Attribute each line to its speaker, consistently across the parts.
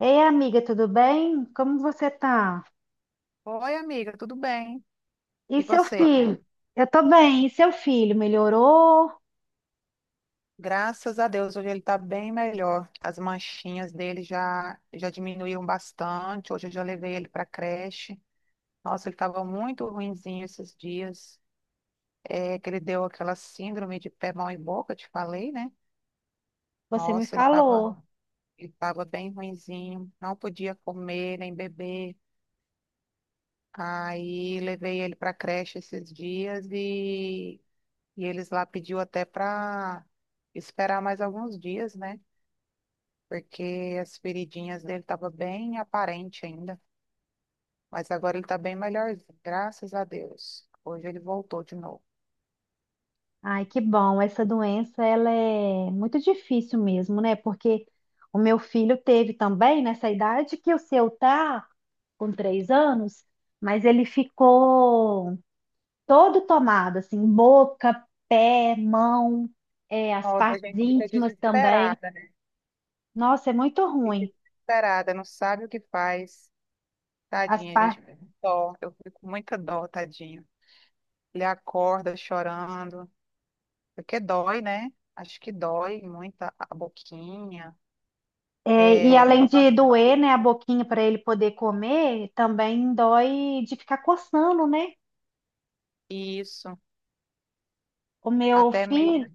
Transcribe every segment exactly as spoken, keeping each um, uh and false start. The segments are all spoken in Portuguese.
Speaker 1: Ei, amiga, tudo bem? Como você tá?
Speaker 2: Oi, amiga, tudo bem?
Speaker 1: E
Speaker 2: E
Speaker 1: seu Ah,
Speaker 2: você?
Speaker 1: filho? Eu tô bem. E seu filho melhorou?
Speaker 2: Graças a Deus, hoje ele está bem melhor. As manchinhas dele já, já diminuíram bastante. Hoje eu já levei ele para creche. Nossa, ele estava muito ruinzinho esses dias. É, que ele deu aquela síndrome de pé, mão e boca, te falei, né?
Speaker 1: Você me
Speaker 2: Nossa, ele estava
Speaker 1: falou.
Speaker 2: ele estava bem ruinzinho, não podia comer nem beber. Aí levei ele para creche esses dias e E eles lá pediu até para esperar mais alguns dias, né? Porque as feridinhas dele estavam bem aparente ainda. Mas agora ele está bem melhorzinho, graças a Deus. Hoje ele voltou de novo.
Speaker 1: Ai, que bom. Essa doença, ela é muito difícil mesmo, né? Porque o meu filho teve também nessa idade que o seu tá, com três anos, mas ele ficou todo tomado, assim, boca, pé, mão, é, as
Speaker 2: Nossa, a
Speaker 1: partes
Speaker 2: gente fica
Speaker 1: íntimas também.
Speaker 2: desesperada, né?
Speaker 1: Nossa, é muito
Speaker 2: Fica
Speaker 1: ruim.
Speaker 2: desesperada, não sabe o que faz.
Speaker 1: As
Speaker 2: Tadinha, a
Speaker 1: partes
Speaker 2: gente fica com dó. Eu fico com muita dó, tadinho. Ele acorda chorando, porque dói, né? Acho que dói muito a a boquinha.
Speaker 1: é, e
Speaker 2: É,
Speaker 1: além
Speaker 2: por
Speaker 1: de
Speaker 2: causa da-
Speaker 1: doer, né, a boquinha para ele poder comer, também dói de ficar coçando, né?
Speaker 2: isso,
Speaker 1: O meu
Speaker 2: até
Speaker 1: filho
Speaker 2: meio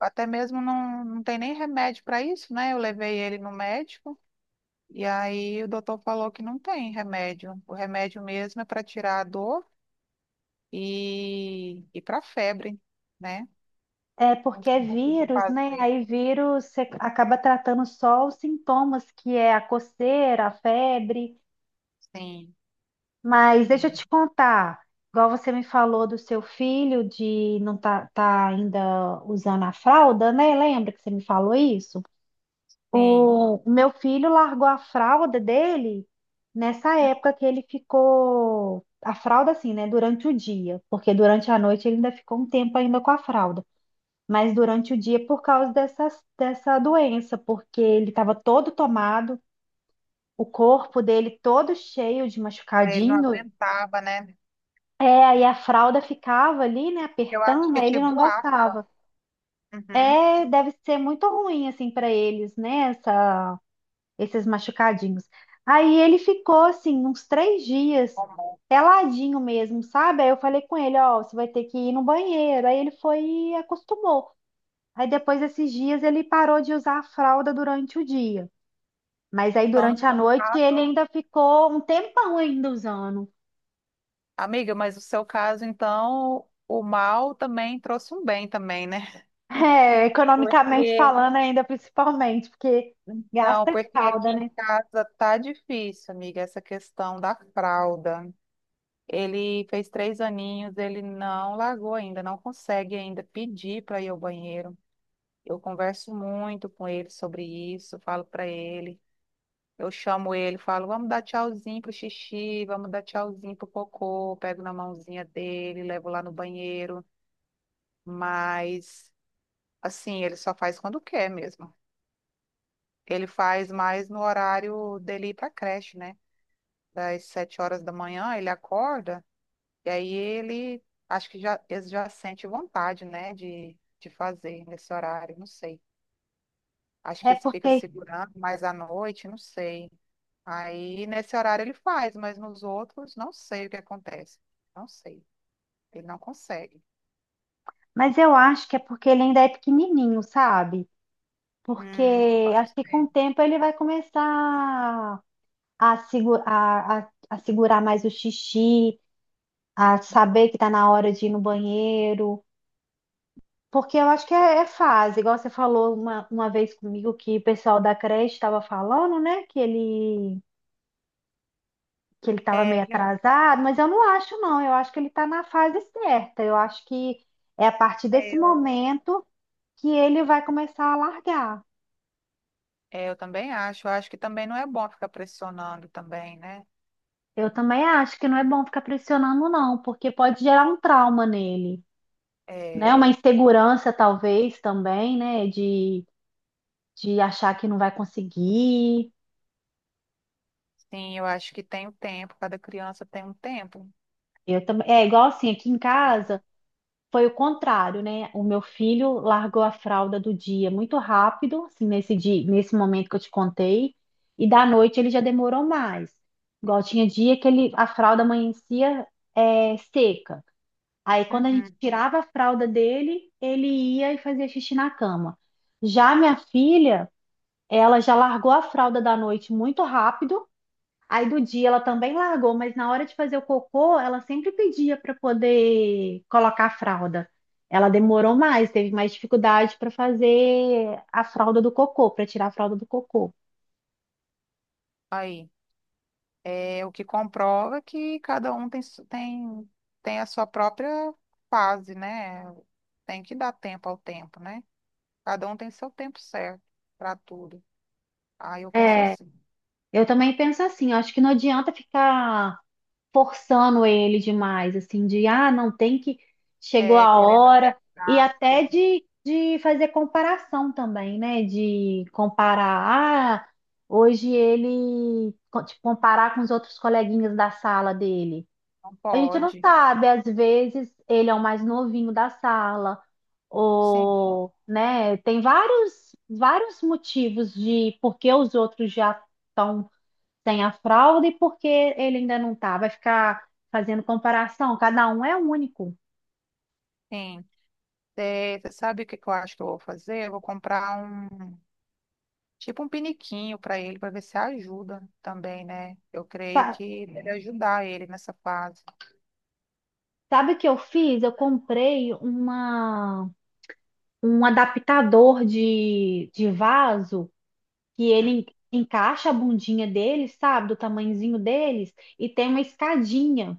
Speaker 2: até mesmo não, não tem nem remédio para isso, né? Eu levei ele no médico e aí o doutor falou que não tem remédio. O remédio mesmo é para tirar a dor e, e para febre, né?
Speaker 1: é
Speaker 2: Não
Speaker 1: porque
Speaker 2: tem
Speaker 1: é
Speaker 2: muito o que
Speaker 1: vírus, né?
Speaker 2: fazer.
Speaker 1: Aí vírus você acaba tratando só os sintomas, que é a coceira, a febre.
Speaker 2: Sim,
Speaker 1: Mas deixa eu
Speaker 2: sim,
Speaker 1: te contar, igual você me falou do seu filho de não tá, tá ainda usando a fralda, né? Lembra que você me falou isso?
Speaker 2: sim.
Speaker 1: O meu filho largou a fralda dele nessa época que ele ficou. A fralda, assim, né? Durante o dia, porque durante a noite ele ainda ficou um tempo ainda com a fralda. Mas durante o dia, por causa dessas, dessa doença, porque ele estava todo tomado, o corpo dele todo cheio de
Speaker 2: Aí ele não
Speaker 1: machucadinho.
Speaker 2: aguentava, né?
Speaker 1: É, aí a fralda ficava ali, né?
Speaker 2: Eu acho
Speaker 1: Apertando,
Speaker 2: que é
Speaker 1: aí ele não
Speaker 2: tipo afta.
Speaker 1: gostava.
Speaker 2: Uhum.
Speaker 1: É, deve ser muito ruim, assim, para eles, né? Essa esses machucadinhos. Aí ele ficou assim, uns três dias,
Speaker 2: Hormônio.
Speaker 1: peladinho mesmo, sabe? Aí eu falei com ele, ó, você vai ter que ir no banheiro. Aí ele foi e acostumou. Aí depois desses dias ele parou de usar a fralda durante o dia. Mas aí
Speaker 2: Então, no
Speaker 1: durante a
Speaker 2: seu
Speaker 1: noite ele
Speaker 2: caso,
Speaker 1: ainda ficou um tempão ainda usando.
Speaker 2: amiga, mas o seu caso, então, o mal também trouxe um bem também, né?
Speaker 1: É, economicamente
Speaker 2: Porque
Speaker 1: falando ainda principalmente, porque
Speaker 2: não,
Speaker 1: gasta
Speaker 2: porque
Speaker 1: fralda,
Speaker 2: aqui em
Speaker 1: né?
Speaker 2: casa tá difícil, amiga, essa questão da fralda. Ele fez três aninhos, ele não largou ainda, não consegue ainda pedir para ir ao banheiro. Eu converso muito com ele sobre isso, falo para ele, eu chamo ele, falo, vamos dar tchauzinho pro xixi, vamos dar tchauzinho pro cocô, pego na mãozinha dele, levo lá no banheiro, mas assim, ele só faz quando quer mesmo. Ele faz mais no horário dele ir para creche, né? Das sete horas da manhã, ele acorda, e aí ele acho que já, ele já sente vontade, né, de, de fazer nesse horário, não sei. Acho
Speaker 1: É
Speaker 2: que ele fica
Speaker 1: porque,
Speaker 2: segurando mais à noite, não sei. Aí nesse horário ele faz, mas nos outros não sei o que acontece. Não sei. Ele não consegue.
Speaker 1: mas eu acho que é porque ele ainda é pequenininho, sabe? Porque
Speaker 2: Hum, pode
Speaker 1: acho que com
Speaker 2: ser.
Speaker 1: o tempo ele vai começar a, segu- a- a- a segurar mais o xixi, a
Speaker 2: Hum.
Speaker 1: saber que está na hora de ir no banheiro. Porque eu acho que é, é fase, igual você falou uma, uma vez comigo que o pessoal da creche estava falando, né? Que ele que ele estava
Speaker 2: É,
Speaker 1: meio
Speaker 2: eu,
Speaker 1: atrasado, mas eu não acho, não. Eu acho que ele está na fase certa. Eu acho que é a partir desse
Speaker 2: eu-
Speaker 1: momento que ele vai começar a largar.
Speaker 2: é, eu também acho. Eu acho que também não é bom ficar pressionando também, né?
Speaker 1: Eu também acho que não é bom ficar pressionando, não, porque pode gerar um trauma nele, né?
Speaker 2: É,
Speaker 1: Uma insegurança, talvez, também, né? De, de achar que não vai conseguir.
Speaker 2: sim, eu acho que tem o tempo. Cada criança tem um tempo.
Speaker 1: Eu também. É igual assim, aqui em casa foi o contrário, né? O meu filho largou a fralda do dia muito rápido, assim, nesse dia, nesse momento que eu te contei, e da noite ele já demorou mais. Igual tinha dia que ele, a fralda amanhecia, é, seca. Aí, quando a gente
Speaker 2: Uhum.
Speaker 1: tirava a fralda dele, ele ia e fazia xixi na cama. Já minha filha, ela já largou a fralda da noite muito rápido. Aí do dia ela também largou, mas na hora de fazer o cocô, ela sempre pedia para poder colocar a fralda. Ela demorou mais, teve mais dificuldade para fazer a fralda do cocô, para tirar a fralda do cocô.
Speaker 2: Aí, é o que comprova que cada um tem, su- tem, tem a sua própria fase, né? Tem que dar tempo ao tempo, né? Cada um tem seu tempo certo para tudo. Aí eu penso
Speaker 1: É,
Speaker 2: assim,
Speaker 1: eu também penso assim, eu acho que não adianta ficar forçando ele demais, assim, de ah, não tem que, chegou
Speaker 2: é,
Speaker 1: a
Speaker 2: querendo
Speaker 1: hora, e
Speaker 2: apressar, as
Speaker 1: até
Speaker 2: coisas,
Speaker 1: de, de fazer comparação também, né? De comparar, ah, hoje ele, tipo, comparar com os outros coleguinhas da sala dele.
Speaker 2: não
Speaker 1: A gente não
Speaker 2: pode.
Speaker 1: sabe, às vezes ele é o mais novinho da sala,
Speaker 2: Sim,
Speaker 1: ou, né, tem vários, vários motivos de por que os outros já estão tem a fraude, porque ele ainda não tá. Vai ficar fazendo comparação, cada um é único.
Speaker 2: sim. É, você sabe o que que eu acho que eu vou fazer? Eu vou comprar um, tipo um piniquinho para ele, para ver se ajuda também, né? Eu creio
Speaker 1: Sa-
Speaker 2: que deve ajudar ele nessa fase.
Speaker 1: Sabe o que eu fiz? Eu comprei uma, um adaptador de, de vaso que ele en- encaixa a bundinha dele, sabe? Do tamanhozinho deles, e tem uma escadinha.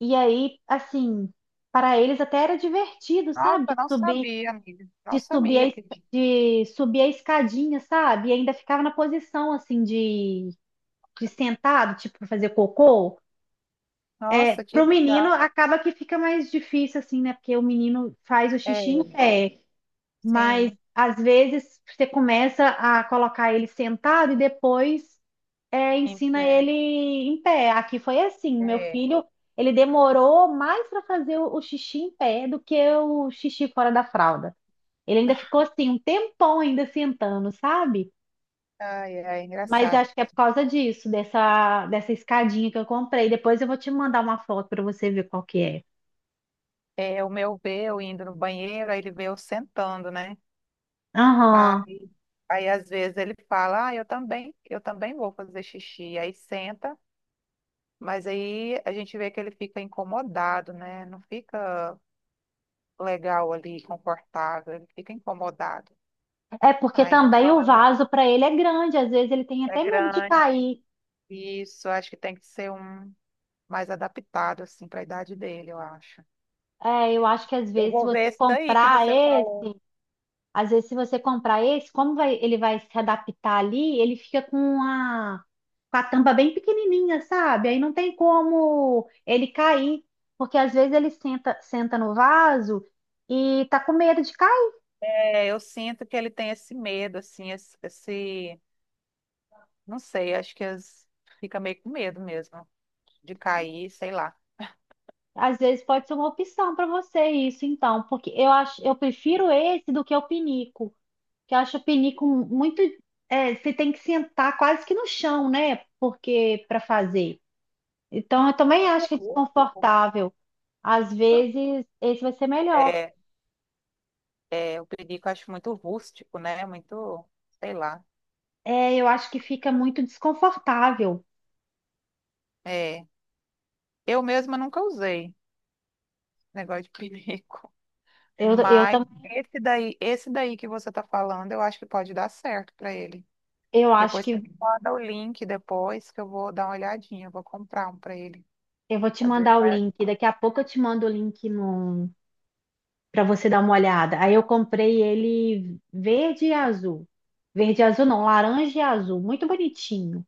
Speaker 1: E aí, assim, para eles até era divertido, sabe?
Speaker 2: Nossa,
Speaker 1: De
Speaker 2: não
Speaker 1: subir,
Speaker 2: sabia, amiga. Não
Speaker 1: de subir a,
Speaker 2: sabia
Speaker 1: es-
Speaker 2: que tinha.
Speaker 1: de subir a escadinha, sabe? E ainda ficava na posição assim de de sentado, tipo, pra fazer cocô, é,
Speaker 2: Nossa, que
Speaker 1: pro menino
Speaker 2: legal.
Speaker 1: acaba que fica mais difícil, assim, né? Porque o menino faz o xixi em
Speaker 2: É,
Speaker 1: pé, mas
Speaker 2: sim,
Speaker 1: às vezes você começa a colocar ele sentado e depois é,
Speaker 2: sim,
Speaker 1: ensina
Speaker 2: é,
Speaker 1: ele em pé. Aqui foi assim, meu
Speaker 2: é.
Speaker 1: filho, ele demorou mais para fazer o, o xixi em pé do que o xixi fora da fralda. Ele ainda ficou assim, um tempão ainda sentando, sabe?
Speaker 2: Ai, ai,
Speaker 1: Mas
Speaker 2: engraçado.
Speaker 1: acho que é por causa disso, dessa, dessa escadinha que eu comprei. Depois eu vou te mandar uma foto para você ver qual que é.
Speaker 2: É, o meu vê eu indo no banheiro, aí ele vê eu sentando, né?
Speaker 1: Aham.
Speaker 2: Aí, aí às vezes ele fala, ah, eu também, eu também vou fazer xixi. Aí senta, mas aí a gente vê que ele fica incomodado, né? Não fica legal ali, confortável, ele fica incomodado.
Speaker 1: É porque
Speaker 2: Ah,
Speaker 1: também
Speaker 2: então
Speaker 1: o
Speaker 2: eu,
Speaker 1: vaso para ele é grande, às vezes ele tem
Speaker 2: é
Speaker 1: até medo de
Speaker 2: grande.
Speaker 1: cair.
Speaker 2: Isso, acho que tem que ser um mais adaptado assim para a idade dele, eu acho.
Speaker 1: É, eu acho que às
Speaker 2: Eu
Speaker 1: vezes se
Speaker 2: vou
Speaker 1: você
Speaker 2: ver esse daí que
Speaker 1: comprar
Speaker 2: você
Speaker 1: esse,
Speaker 2: falou.
Speaker 1: às vezes se você comprar esse, como vai, ele vai se adaptar ali, ele fica com a, com a tampa bem pequenininha, sabe? Aí não tem como ele cair, porque às vezes ele senta, senta no vaso e tá com medo de cair.
Speaker 2: É, eu sinto que ele tem esse medo, assim, esse, esse- não sei, acho que as- fica meio com medo mesmo de cair, sei lá.
Speaker 1: Às vezes pode ser uma opção para você isso, então, porque eu acho, eu prefiro
Speaker 2: É,
Speaker 1: esse do que o pinico, que eu acho o pinico muito, é, você tem que sentar quase que no chão, né? Porque para fazer. Então, eu também acho
Speaker 2: muito
Speaker 1: que é
Speaker 2: rústico.
Speaker 1: desconfortável. Às vezes esse vai ser melhor.
Speaker 2: É, é, o perico eu acho muito rústico, né? Muito, sei lá.
Speaker 1: É, eu acho que fica muito desconfortável.
Speaker 2: É, eu mesma nunca usei esse negócio de perico,
Speaker 1: Eu, eu,
Speaker 2: mas
Speaker 1: tam-
Speaker 2: esse daí, esse daí que você está falando, eu acho que pode dar certo para ele.
Speaker 1: eu acho
Speaker 2: Depois você
Speaker 1: que
Speaker 2: me manda o link depois que eu vou dar uma olhadinha, eu vou comprar um para ele.
Speaker 1: eu vou te
Speaker 2: Às vezes
Speaker 1: mandar o
Speaker 2: vai.
Speaker 1: link. Daqui a pouco eu te mando o link no, para você dar uma olhada. Aí eu comprei ele verde e azul. Verde e azul não, laranja e azul, muito bonitinho.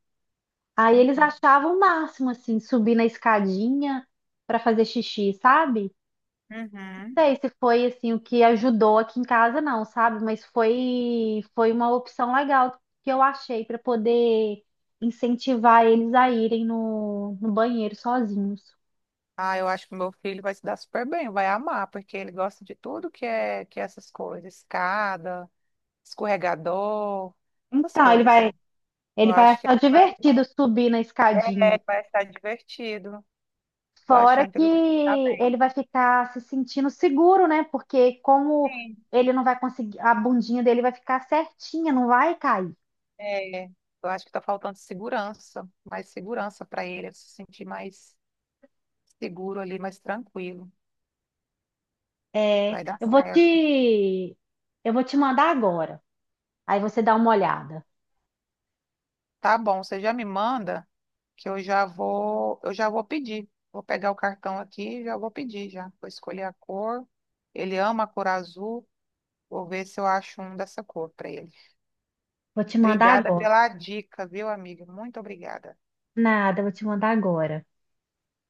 Speaker 1: Aí eles
Speaker 2: Uhum.
Speaker 1: achavam o máximo assim, subir na escadinha para fazer xixi, sabe? Não
Speaker 2: Uhum.
Speaker 1: sei se foi assim o que ajudou aqui em casa não, sabe? Mas foi foi uma opção legal que eu achei para poder incentivar eles a irem no, no banheiro sozinhos.
Speaker 2: Ah, eu acho que meu filho vai se dar super bem, vai amar, porque ele gosta de tudo que é que é essas coisas, escada, escorregador, essas
Speaker 1: Então, ele
Speaker 2: coisas.
Speaker 1: vai
Speaker 2: Eu
Speaker 1: ele vai
Speaker 2: acho que
Speaker 1: achar
Speaker 2: ele vai,
Speaker 1: divertido subir na escadinha.
Speaker 2: é, vai estar divertido. Tô
Speaker 1: Fora
Speaker 2: achando que
Speaker 1: que
Speaker 2: ele vai estar bem.
Speaker 1: ele vai ficar se sentindo seguro, né? Porque como
Speaker 2: Sim.
Speaker 1: ele não vai conseguir, a bundinha dele vai ficar certinha, não vai cair.
Speaker 2: É, eu acho que tá faltando segurança, mais segurança para ele, ele se sentir mais seguro ali, mais tranquilo.
Speaker 1: É,
Speaker 2: Vai dar
Speaker 1: eu vou
Speaker 2: certo.
Speaker 1: te, eu vou te mandar agora. Aí você dá uma olhada.
Speaker 2: Tá bom, você já me manda que eu já vou, eu já vou pedir. Vou pegar o cartão aqui e já vou pedir já. Vou escolher a cor. Ele ama a cor azul. Vou ver se eu acho um dessa cor para ele.
Speaker 1: Vou te mandar
Speaker 2: Obrigada
Speaker 1: agora.
Speaker 2: pela dica, viu, amiga? Muito obrigada.
Speaker 1: Nada, eu vou te mandar agora.